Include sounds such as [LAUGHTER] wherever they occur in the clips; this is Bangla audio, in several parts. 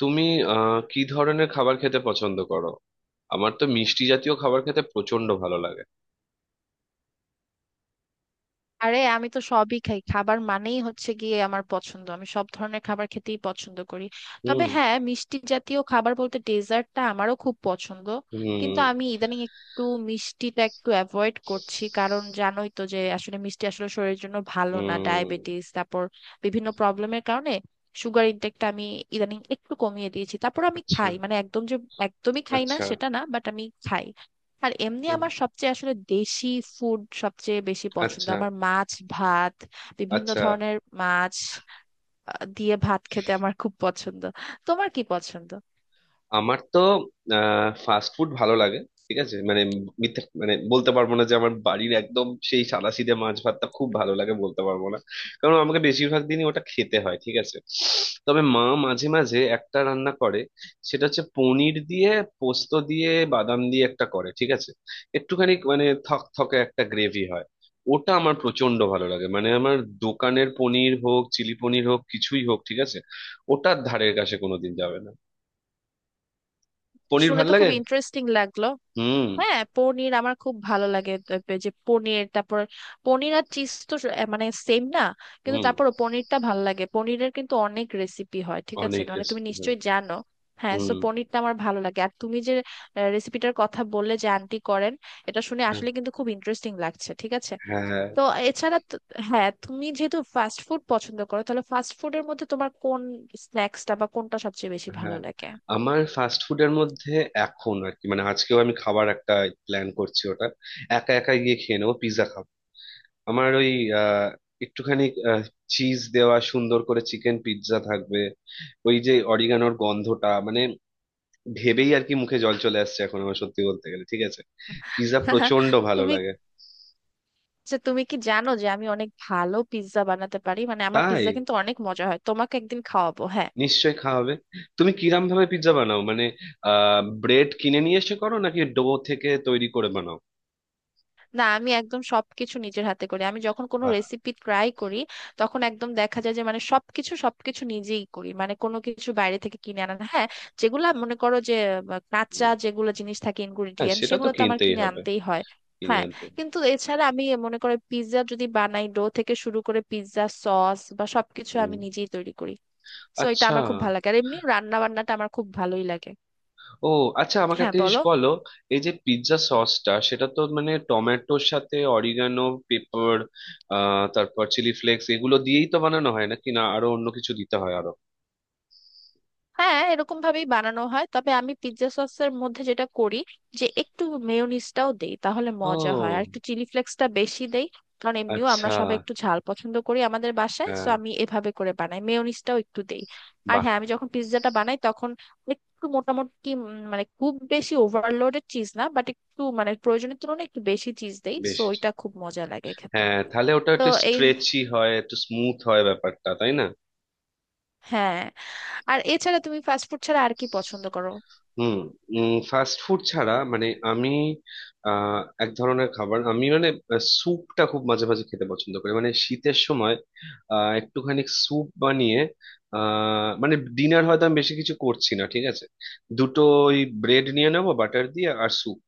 তুমি কি ধরনের খাবার খেতে পছন্দ করো? আমার তো মিষ্টি জাতীয় খাবার খেতে প্রচন্ড ভালো লাগে। আরে আমি তো সবই খাই। খাবার মানেই হচ্ছে গিয়ে আমার পছন্দ, আমি সব ধরনের খাবার খেতেই পছন্দ করি। তবে হুম, হ্যাঁ, মিষ্টি জাতীয় খাবার বলতে ডেজার্টটা আমারও খুব পছন্দ। হুম, কিন্তু আমি ইদানিং একটু মিষ্টিটা একটু অ্যাভয়েড করছি, কারণ জানোই তো যে আসলে মিষ্টি আসলে শরীরের জন্য ভালো না, হুম। ডায়াবেটিস তারপর বিভিন্ন প্রবলেমের কারণে। সুগার ইনটেকটা আমি ইদানিং একটু কমিয়ে দিয়েছি। তারপর আমি আচ্ছা, খাই, মানে একদম যে একদমই খাই না আচ্ছা। সেটা না, বাট আমি খাই। আর এমনি হুম। আমার সবচেয়ে আসলে দেশি ফুড সবচেয়ে বেশি পছন্দ, আচ্ছা, আমার মাছ ভাত, বিভিন্ন আচ্ছা। ধরনের মাছ দিয়ে ভাত খেতে আমার খুব পছন্দ। তোমার কি পছন্দ? আমার তো ফাস্ট ফুড ভালো লাগে ঠিক আছে, মানে মিথ্যে মানে বলতে পারবো না যে আমার বাড়ির একদম সেই সাদাসিধে মাছ ভাতটা খুব ভালো লাগে, বলতে পারবো না। কারণ আমাকে বেশিরভাগ দিনই ওটা খেতে হয় ঠিক আছে। তবে মা মাঝে মাঝে একটা রান্না করে, সেটা হচ্ছে পনির দিয়ে, পোস্ত দিয়ে, বাদাম দিয়ে একটা করে, ঠিক আছে। একটুখানি মানে থকথকে একটা গ্রেভি হয়, ওটা আমার প্রচন্ড ভালো লাগে। মানে আমার দোকানের পনির হোক, চিলি পনির হোক, কিছুই হোক ঠিক আছে, ওটার ধারের কাছে কোনোদিন যাবে না। পনির শুনে ভাল তো খুব লাগে। ইন্টারেস্টিং লাগলো। হুম, হ্যাঁ, পনির আমার খুব ভালো লাগে। তারপরে যে পনির, তারপর পনির আর চিজ তো এ মানে সেম না, কিন্তু হুম, তারপরও পনিরটা ভালো লাগে। পনিরের কিন্তু অনেক রেসিপি হয়, ঠিক আছে, অনেক মানে তুমি রেস্টুরেন্ট। নিশ্চয়ই জানো। হ্যাঁ, সো হুম। পনিরটা আমার ভালো লাগে। আর তুমি যে রেসিপিটার কথা বললে যে আন্টি করেন, এটা শুনে হ্যাঁ, আসলে কিন্তু খুব ইন্টারেস্টিং লাগছে, ঠিক আছে। হ্যাঁ, তো এছাড়া তো- হ্যাঁ, তুমি যেহেতু ফাস্ট ফুড পছন্দ করো, তাহলে ফাস্ট ফুডের মধ্যে তোমার কোন স্ন্যাক্সটা বা কোনটা সবচেয়ে বেশি ভালো হ্যাঁ। লাগে? আমার ফাস্ট ফুডের মধ্যে এখন আর কি, মানে আজকেও আমি খাবার একটা প্ল্যান করছি, ওটা একা একা গিয়ে খেয়ে নেবো, পিৎজা খাবো। আমার ওই আহ, একটুখানি চিজ দেওয়া সুন্দর করে চিকেন পিৎজা থাকবে, ওই যে অরিগানোর গন্ধটা মানে ভেবেই আর কি মুখে জল চলে আসছে এখন আমার, সত্যি বলতে গেলে ঠিক আছে। পিৎজা প্রচন্ড [LAUGHS] ভালো তুমি, লাগে। যে তুমি কি জানো যে আমি অনেক ভালো পিৎজা বানাতে পারি? মানে আমার তাই পিৎজা কিন্তু অনেক মজা হয়, তোমাকে একদিন খাওয়াবো, হ্যাঁ। নিশ্চয়ই খাওয়া হবে। তুমি কিরম ভাবে পিৎজা বানাও মানে, ব্রেড কিনে নিয়ে এসে করো নাকি ডো থেকে তৈরি করে বানাও? না, আমি একদম সবকিছু নিজের হাতে করি। আমি যখন কোনো বাহ। রেসিপি ট্রাই করি তখন একদম দেখা যায় যে মানে সবকিছু সবকিছু নিজেই করি, মানে কোনো কিছু বাইরে থেকে কিনে আনা না, হ্যাঁ। যেগুলো মনে করো যে কাঁচা হুম। যেগুলো জিনিস থাকে, হ্যাঁ ইনগ্রিডিয়েন্ট, সেটা তো সেগুলো তো আমার কিনতেই কিনে হবে, আনতেই হয়। কিনে হ্যাঁ, আনতে। কিন্তু এছাড়া আমি মনে করো পিৎজা যদি বানাই, ডো থেকে শুরু করে পিৎজা সস বা সবকিছু হুম। আমি নিজেই তৈরি করি। সো এটা আচ্ছা। আমার খুব ভালো লাগে, আর এমনি রান্না বান্নাটা আমার খুব ভালোই লাগে। ও, আচ্ছা, আমাকে হ্যাঁ, একটা জিনিস বলো। বলো, এই যে পিৎজা সসটা, সেটা তো মানে টমেটোর সাথে অরিগানো, পেপার, তারপর চিলি ফ্লেক্স, এগুলো দিয়েই তো বানানো হয় নাকি না আরো অন্য কিছু দিতে হয় আরো? হ্যাঁ, এরকম ভাবেই বানানো হয়, তবে আমি পিৎজা সসের মধ্যে যেটা করি, যে একটু মেয়োনিজটাও দেই তাহলে মজা হয়, আর ও একটু চিলি ফ্লেক্সটা বেশি দেই, কারণ এমনিও আমরা আচ্ছা। সবাই একটু ঝাল পছন্দ করি আমাদের বাসায়। সো হ্যাঁ। আমি এভাবে করে বানাই, মেয়োনিজটাও একটু দেই। আর বাহ। হ্যাঁ, আমি যখন পিৎজাটা বানাই তখন একটু মোটামুটি মানে খুব বেশি ওভারলোডেড চিজ না, বাট একটু মানে প্রয়োজনের তুলনায় একটু বেশি চিজ দেই। বেশ। সো এটা খুব মজা লাগে খেতে। হ্যাঁ তাহলে ওটা তো একটু এই, স্ট্রেচি হয়, একটু স্মুথ হয় ব্যাপারটা, তাই না? হ্যাঁ। আর এছাড়া তুমি ফাস্টফুড ছাড়া আর কি পছন্দ করো? হুম। ফাস্ট ফুড ছাড়া মানে আমি আহ, এক ধরনের খাবার আমি মানে স্যুপটা খুব মাঝে মাঝে খেতে পছন্দ করি, মানে শীতের সময় একটুখানি স্যুপ বানিয়ে মানে ডিনার হয়তো আমি বেশি কিছু করছি না ঠিক আছে, দুটো ওই ব্রেড নিয়ে নেবো বাটার দিয়ে আর স্যুপ।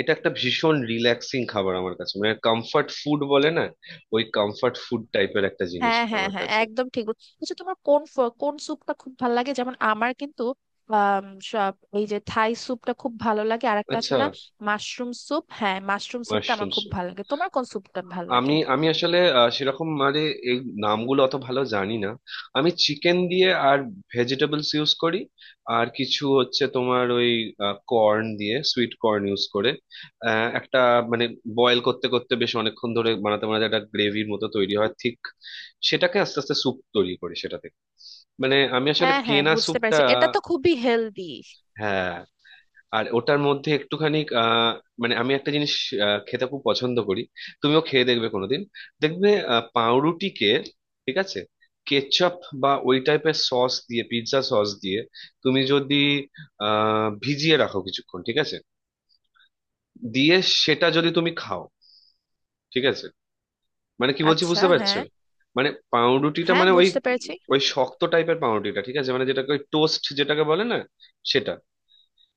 এটা একটা ভীষণ রিল্যাক্সিং খাবার আমার কাছে, মানে কমফর্ট ফুড বলে না, ওই কমফর্ট ফুড টাইপের একটা জিনিস হ্যাঁ এটা হ্যাঁ আমার হ্যাঁ, কাছে। একদম ঠিক আচ্ছা, তোমার কোন কোন স্যুপটা খুব ভালো লাগে? যেমন আমার কিন্তু আম, সব, এই যে থাই স্যুপটা খুব ভালো লাগে, আর একটা আছে আচ্ছা। না মাশরুম স্যুপ। হ্যাঁ, মাশরুম স্যুপটা আমার মাশরুম খুব স্যুপ। ভালো লাগে। তোমার কোন স্যুপটা ভালো আমি লাগে? আমি আসলে সেরকম মানে এই নামগুলো অত ভালো জানি না। আমি চিকেন দিয়ে আর ভেজিটেবলস ইউজ করি, আর কিছু হচ্ছে তোমার ওই কর্ন দিয়ে, সুইট কর্ন ইউজ করে একটা মানে বয়েল করতে করতে বেশ অনেকক্ষণ ধরে বানাতে বানাতে একটা গ্রেভির মতো তৈরি হয় ঠিক, সেটাকে আস্তে আস্তে স্যুপ তৈরি করি সেটা থেকে। মানে আমি আসলে হ্যাঁ হ্যাঁ, কেনা বুঝতে স্যুপটা। পেরেছি, এটা তো খুবই হেলদি। হ্যাঁ। আর ওটার মধ্যে একটুখানি মানে আমি একটা জিনিস খেতে খুব পছন্দ করি, তুমিও খেয়ে দেখবে কোনোদিন। দেখবে, পাউরুটিকে ঠিক আছে, কেচাপ বা ওই টাইপের সস দিয়ে, পিৎজা সস দিয়ে তুমি যদি ভিজিয়ে রাখো কিছুক্ষণ ঠিক আছে, দিয়ে সেটা যদি তুমি খাও ঠিক আছে, মানে কি বলছি আচ্ছা, বুঝতে পারছো? হ্যাঁ। মানে পাউরুটিটা হ্যাঁ, মানে ওই, বুঝতে পেরেছি। ওই শক্ত টাইপের পাউরুটিটা ঠিক আছে, মানে যেটাকে ওই টোস্ট যেটাকে বলে না, সেটা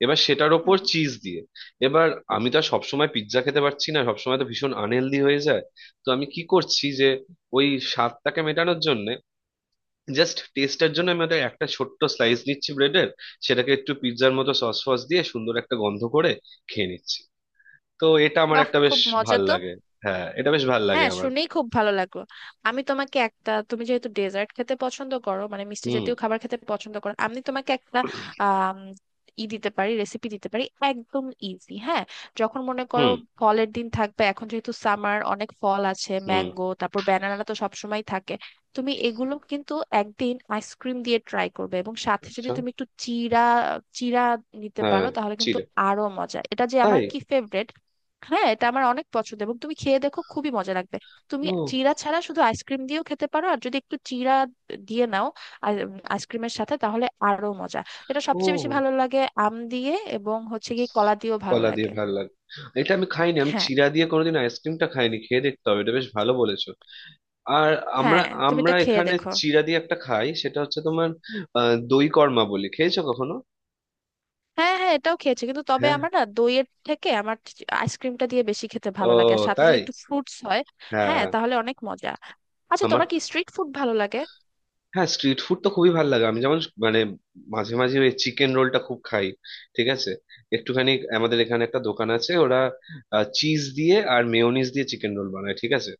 এবার সেটার ওপর হুম। চিজ দিয়ে এবার। আমি তো আর সবসময় পিৎজা খেতে পারছি না, সবসময় তো ভীষণ আনহেলদি হয়ে যায়। তো আমি কি করছি যে ওই স্বাদটাকে মেটানোর জন্য, জাস্ট টেস্টের জন্য আমি ওটা একটা ছোট্ট স্লাইস নিচ্ছি ব্রেডের, সেটাকে একটু পিৎজার মতো সস ফস দিয়ে সুন্দর একটা গন্ধ করে খেয়ে নিচ্ছি। তো এটা আমার বাহ, একটা বেশ খুব মজা ভাল তো। লাগে, হ্যাঁ এটা বেশ ভাল লাগে হ্যাঁ, আমার। শুনেই খুব ভালো লাগলো। আমি তোমাকে একটা, তুমি যেহেতু ডেজার্ট খেতে পছন্দ করো, মানে মিষ্টি হুম, জাতীয় খাবার খেতে পছন্দ করো, আমি তোমাকে একটা আম, ই দিতে পারি, রেসিপি দিতে পারি, একদম ইজি, হ্যাঁ। যখন মনে করো হুম, ফলের দিন থাকবে, এখন যেহেতু সামার, অনেক ফল আছে, হুম। ম্যাঙ্গো তারপর ব্যানানা তো সবসময় থাকে, তুমি এগুলো কিন্তু একদিন আইসক্রিম দিয়ে ট্রাই করবে, এবং সাথে যদি আচ্ছা। তুমি একটু চিড়া চিড়া নিতে হ্যাঁ। পারো তাহলে ছিল। কিন্তু আরো মজা। এটা যে আমার তাই। কি ফেভারিট! হ্যাঁ, এটা আমার অনেক পছন্দ, এবং তুমি খেয়ে দেখো, খুবই মজা লাগবে। তুমি ও। চিড়া ছাড়া শুধু আইসক্রিম দিয়েও খেতে পারো, আর যদি একটু চিড়া দিয়ে নাও আইসক্রিমের সাথে, তাহলে আরো মজা। এটা সবচেয়ে বেশি ও, ভালো লাগে আম দিয়ে, এবং হচ্ছে কি, কলা দিয়েও ভালো কলা দিয়ে লাগে। ভালো লাগে? এটা আমি খাইনি, আমি হ্যাঁ, চিড়া দিয়ে কোনোদিন আইসক্রিমটা খাইনি, খেয়ে দেখতে হবে, এটা বেশ ভালো বলেছো। আর আমরা, হ্যাঁ, তুমি এটা আমরা খেয়ে এখানে দেখো। চিড়া দিয়ে একটা খাই, সেটা হচ্ছে তোমার দই কর্মা বলি, খেয়েছো কখনো? হ্যাঁ হ্যাঁ, এটাও খেয়েছি, কিন্তু তবে হ্যাঁ। আমার না দইয়ের থেকে আমার আইসক্রিমটা দিয়ে বেশি খেতে ও, ভালো লাগে, আর সাথে তাই। যদি একটু ফ্রুটস হয়। হ্যাঁ, হ্যাঁ। তাহলে অনেক মজা। আচ্ছা, আমার তোমার কি স্ট্রিট ফুড ভালো লাগে? হ্যাঁ স্ট্রিট ফুড তো খুবই ভালো লাগে। আমি যেমন মানে মাঝে মাঝে ওই চিকেন রোলটা খুব খাই ঠিক আছে, একটুখানি আমাদের এখানে একটা দোকান আছে, ওরা চিজ দিয়ে আর মেয়োনিজ দিয়ে চিকেন রোল বানায় ঠিক আছে,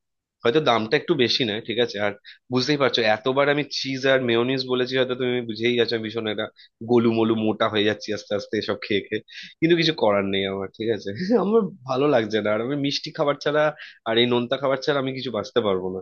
হয়তো দামটা একটু বেশি নেয় ঠিক আছে। আর বুঝতেই পারছো এতবার আমি চিজ আর মেয়োনিজ বলেছি, হয়তো তুমি বুঝেই গেছো আমি ভীষণ একটা গোলু মোলু মোটা হয়ে যাচ্ছি আস্তে আস্তে এসব খেয়ে খেয়ে। কিন্তু কিছু করার নেই আমার, ঠিক আছে। [LAUGHS] আমার ভালো লাগছে না। আর আমি মিষ্টি খাবার ছাড়া আর এই নোনতা খাবার ছাড়া আমি কিছু বাঁচতে পারবো না।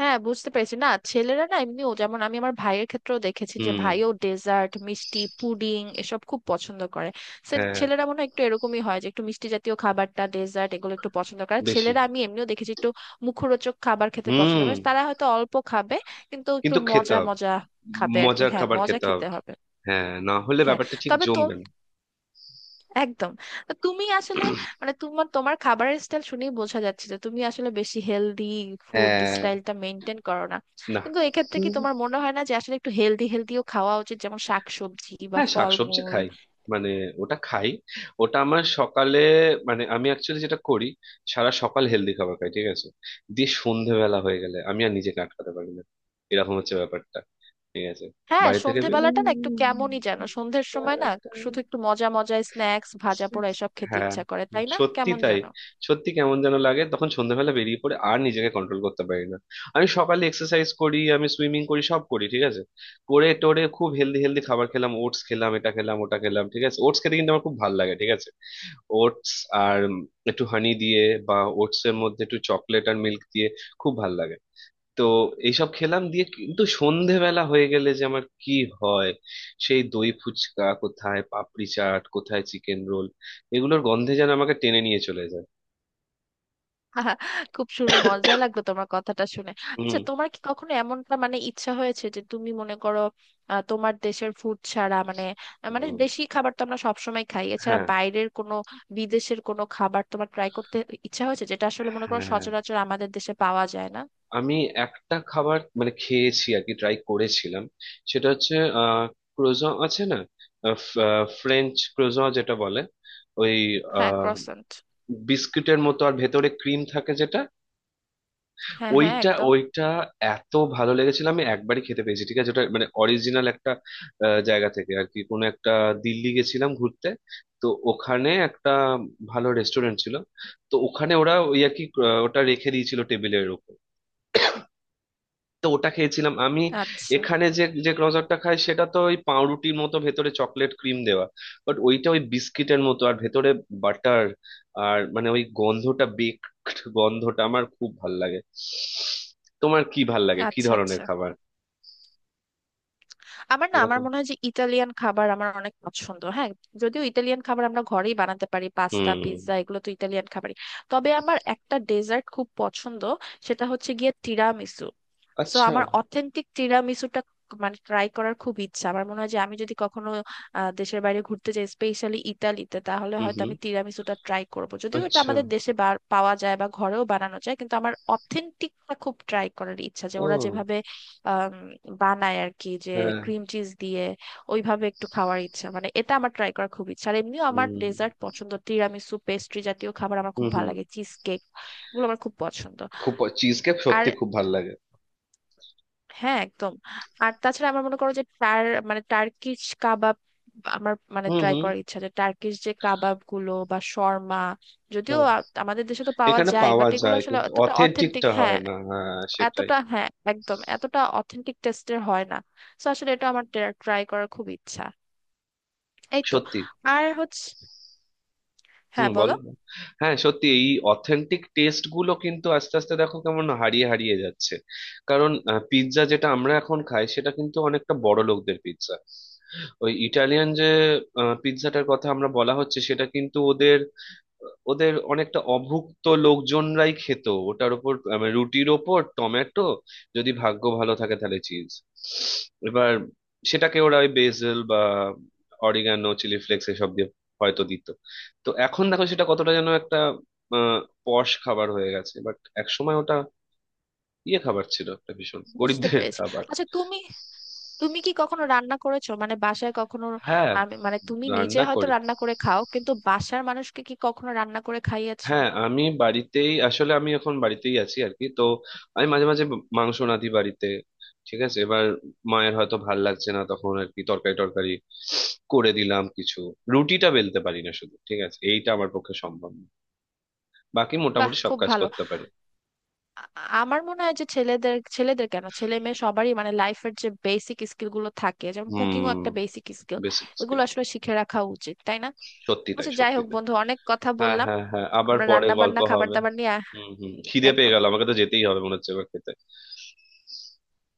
হ্যাঁ, বুঝতে পেরেছি। না, ছেলেরা না এমনিও, যেমন আমি আমার ভাইয়ের ক্ষেত্রেও দেখেছি যে হুম। ভাইও ডেজার্ট, মিষ্টি, পুডিং এসব খুব পছন্দ করে। হ্যাঁ, হ্যাঁ, ছেলেরা মনে হয় একটু এরকমই হয় যে একটু মিষ্টি জাতীয় খাবারটা, ডেজার্ট এগুলো একটু পছন্দ করে বেশি। ছেলেরা, আমি এমনিও দেখেছি। একটু মুখরোচক খাবার খেতে পছন্দ হুম। করে তারা, হয়তো অল্প খাবে কিন্তু একটু কিন্তু খেতে মজা হবে। মজা খাবে আর কি। মজার হ্যাঁ, খাবার মজা খেতে হবে। খেতে হবে। হ্যাঁ, না হলে হ্যাঁ, ব্যাপারটা ঠিক তবে জমবে না। একদম। তো তুমি আসলে, মানে তোমার তোমার খাবারের স্টাইল শুনেই বোঝা যাচ্ছে যে তুমি আসলে বেশি হেলদি ফুড হ্যাঁ। স্টাইলটা মেনটেন করো না। না। কিন্তু এক্ষেত্রে কি হুম, তোমার মনে হয় না যে আসলে একটু হেলদিও খাওয়া উচিত, যেমন শাকসবজি বা হ্যাঁ শাকসবজি ফলমূল? খাই, মানে ওটা খাই, ওটা আমার সকালে, মানে আমি অ্যাকচুয়ালি যেটা করি সারা সকাল হেলদি খাবার খাই ঠিক আছে, দিয়ে সন্ধেবেলা হয়ে গেলে আমি আর নিজেকে আটকাতে পারি না, এরকম হচ্ছে ব্যাপারটা ঠিক আছে। হ্যাঁ, বাড়ি থেকে বের- সন্ধেবেলাটা না একটু কেমনই যেন, সন্ধ্যের সময় না শুধু একটু মজা মজা স্ন্যাক্স, ভাজা পোড়া এসব খেতে হ্যাঁ ইচ্ছা করে, তাই না? সত্যি কেমন তাই, যেন। সত্যি কেমন যেন লাগে তখন সন্ধ্যাবেলা, বেরিয়ে পড়ে আর নিজেকে কন্ট্রোল করতে পারি না। আমি সকালে এক্সারসাইজ করি, আমি সুইমিং করি, সব করি ঠিক আছে, করে টোরে খুব হেলদি হেলদি খাবার খেলাম, ওটস খেলাম, এটা খেলাম, ওটা খেলাম ঠিক আছে, ওটস খেতে কিন্তু আমার খুব ভালো লাগে ঠিক আছে, ওটস আর একটু হানি দিয়ে বা ওটস এর মধ্যে একটু চকলেট আর মিল্ক দিয়ে খুব ভালো লাগে। তো এইসব খেলাম দিয়ে কিন্তু সন্ধেবেলা হয়ে গেলে যে আমার কি হয়, সেই দই ফুচকা কোথায়, পাপড়ি চাট কোথায়, চিকেন রোল, এগুলোর গন্ধে যেন আমাকে টেনে নিয়ে চলে যায়। খুব মজা লাগলো তোমার কথাটা শুনে। হুম। আচ্ছা, তোমার কি কখনো এমনটা মানে ইচ্ছা হয়েছে যে তুমি মনে করো তোমার দেশের ফুড ছাড়া, মানে, মানে হুম। দেশি খাবার তো আমরা সবসময় খাই, এছাড়া হ্যাঁ। বাইরের কোনো বিদেশের কোনো খাবার তোমার ট্রাই করতে ইচ্ছা হয়েছে যেটা আসলে মনে করো হ্যাঁ। সচরাচর আমাদের দেশে পাওয়া যায় না? আমি একটা খাবার মানে খেয়েছি আর কি, ট্রাই করেছিলাম, সেটা হচ্ছে আহ ক্রোজন আছে না, ফ্রেঞ্চ ক্রোজন যেটা বলে, ওই হ্যাঁ, আহ ক্রসেন্ট। বিস্কুটের মতো আর ভেতরে ক্রিম থাকে যেটা, হ্যাঁ হ্যাঁ, ওইটা একদম। ওইটা এত ভালো লেগেছিল। আমি একবারই খেতে পেয়েছি ঠিক আছে, ওটা মানে অরিজিনাল একটা জায়গা থেকে আর কি, কোনো একটা দিল্লি গেছিলাম ঘুরতে, তো ওখানে একটা ভালো রেস্টুরেন্ট ছিল, তো ওখানে ওরা ওই আর কি ওটা রেখে দিয়েছিল টেবিলের উপর, তো ওটা খেয়েছিলাম আমি। আচ্ছা এখানে যে যে ক্রজারটা খাই সেটা তো ওই পাউরুটির মতো ভেতরে চকলেট ক্রিম দেওয়া, বাট ওইটা ওই বিস্কিটের মতো আর ভেতরে বাটার, আর মানে ওই গন্ধটা, বেকড গন্ধটা আমার খুব ভাল লাগে। তোমার কি ভাল লাগে, কি আচ্ছা। ধরনের আচ্ছা, খাবার? আমার না আমার এরকম। মনে হয় যে ইতালিয়ান খাবার আমার অনেক পছন্দ, হ্যাঁ। যদিও ইতালিয়ান খাবার আমরা ঘরেই বানাতে পারি, পাস্তা হুম। পিৎজা এগুলো তো ইতালিয়ান খাবারই। তবে আমার একটা ডেজার্ট খুব পছন্দ, সেটা হচ্ছে গিয়ে তিরামিসু। সো আচ্ছা। আমার অথেন্টিক তিরামিসুটা মানে ট্রাই করার খুব ইচ্ছা। আমার মনে হয় যে আমি যদি কখনো দেশের বাইরে ঘুরতে যাই, স্পেশালি ইতালিতে, তাহলে হুম, হয়তো হুম। আমি তিরামিসুটা ট্রাই করব। যদিও এটা আচ্ছা। আমাদের দেশে পাওয়া যায় বা ঘরেও বানানো যায়, কিন্তু আমার অথেন্টিকটা খুব ট্রাই করার ইচ্ছা, যে ওরা ও। যেভাবে আম, বানায় আর কি, যে হ্যাঁ। ক্রিম চিজ দিয়ে ওইভাবে একটু খাওয়ার ইচ্ছা। মানে এটা আমার ট্রাই করার খুব ইচ্ছা। আর এমনিও আমার হুম, ডেজার্ট পছন্দ, তিরামিসু, পেস্ট্রি জাতীয় খাবার আমার হুম, খুব ভালো হুম। লাগে, চিজ কেক, এগুলো আমার খুব পছন্দ। খুব, চিজ কেক আর সত্যি খুব ভাল লাগে। হ্যাঁ, একদম। আর তাছাড়া আমার মনে করো যে মানে টার্কিশ কাবাব আমার মানে হুম, ট্রাই হুম। করার ইচ্ছা, যে টার্কিশ যে কাবাব গুলো বা শর্মা, যদিও চলো। আমাদের দেশে তো পাওয়া এখানে যায়, পাওয়া বাট এগুলো যায় আসলে কিন্তু অতটা অথেন্টিক, অথেন্টিকটা হয় হ্যাঁ, না, হ্যাঁ সেটাই। এতটা, হ্যাঁ একদম, এতটা অথেন্টিক টেস্টের হয় না। তো আসলে এটা আমার ট্রাই করার খুব ইচ্ছা। এই তো। সত্যি। আর হচ্ছে, হুম, হ্যাঁ বলো। বলো। হ্যাঁ সত্যি এই অথেন্টিক টেস্ট গুলো কিন্তু আস্তে আস্তে দেখো কেমন হারিয়ে হারিয়ে যাচ্ছে। কারণ পিৎজা যেটা আমরা এখন খাই সেটা কিন্তু অনেকটা বড় লোকদের পিৎজা, ওই ইটালিয়ান যে পিৎজাটার কথা আমরা বলা হচ্ছে সেটা কিন্তু ওদের অনেকটা অভুক্ত লোকজনরাই খেত। ওটার উপর রুটির ওপর টমেটো, যদি ভাগ্য ভালো থাকে তাহলে চিজ, এবার সেটাকে ওরা ওই বেসেল বা অরিগানো, চিলি ফ্লেক্স এসব দিয়ে হয়তো দিত। তো এখন দেখো সেটা কতটা যেন একটা আহ পশ খাবার হয়ে গেছে, বাট এক সময় ওটা ইয়ে খাবার ছিল, একটা ভীষণ বুঝতে গরিবদের পেরেছি। খাবার। আচ্ছা তুমি, তুমি কি কখনো রান্না করেছো, মানে বাসায় কখনো? হ্যাঁ, মানে তুমি নিজে রান্না হয়তো করি। রান্না করে খাও, কিন্তু বাসার মানুষকে কি কখনো রান্না করে খাইয়েছো? হ্যাঁ আমি বাড়িতেই, আসলে আমি এখন বাড়িতেই আছি আর কি, তো আমি মাঝে মাঝে মাংস রাঁধি বাড়িতে ঠিক আছে, এবার মায়ের হয়তো ভাল লাগছে না তখন আর কি তরকারি টরকারি করে দিলাম কিছু। রুটিটা বেলতে পারি না শুধু, ঠিক আছে এইটা আমার পক্ষে সম্ভব না, বাকি বাহ, মোটামুটি সব খুব কাজ ভালো। করতে পারি। আ- আমার মনে হয় যে ছেলেদের ছেলেদের কেন, ছেলে মেয়ে সবারই মানে লাইফের যে বেসিক স্কিল গুলো থাকে, যেমন কুকিংও হুম, একটা বেসিক স্কিল, বেসিক এগুলো স্কিল। আসলে শিখে রাখা উচিত, তাই না? সত্যি তাই, আচ্ছা, যাই সত্যি হোক তাই। বন্ধু, অনেক কথা হ্যাঁ, বললাম হ্যাঁ, হ্যাঁ, আবার আমরা পরে রান্না গল্প বান্না খাবার হবে। দাবার নিয়ে। হুম, হুম, খিদে পেয়ে একদম। গেল, আমাকে তো যেতেই হবে মনে হচ্ছে এবার খেতে।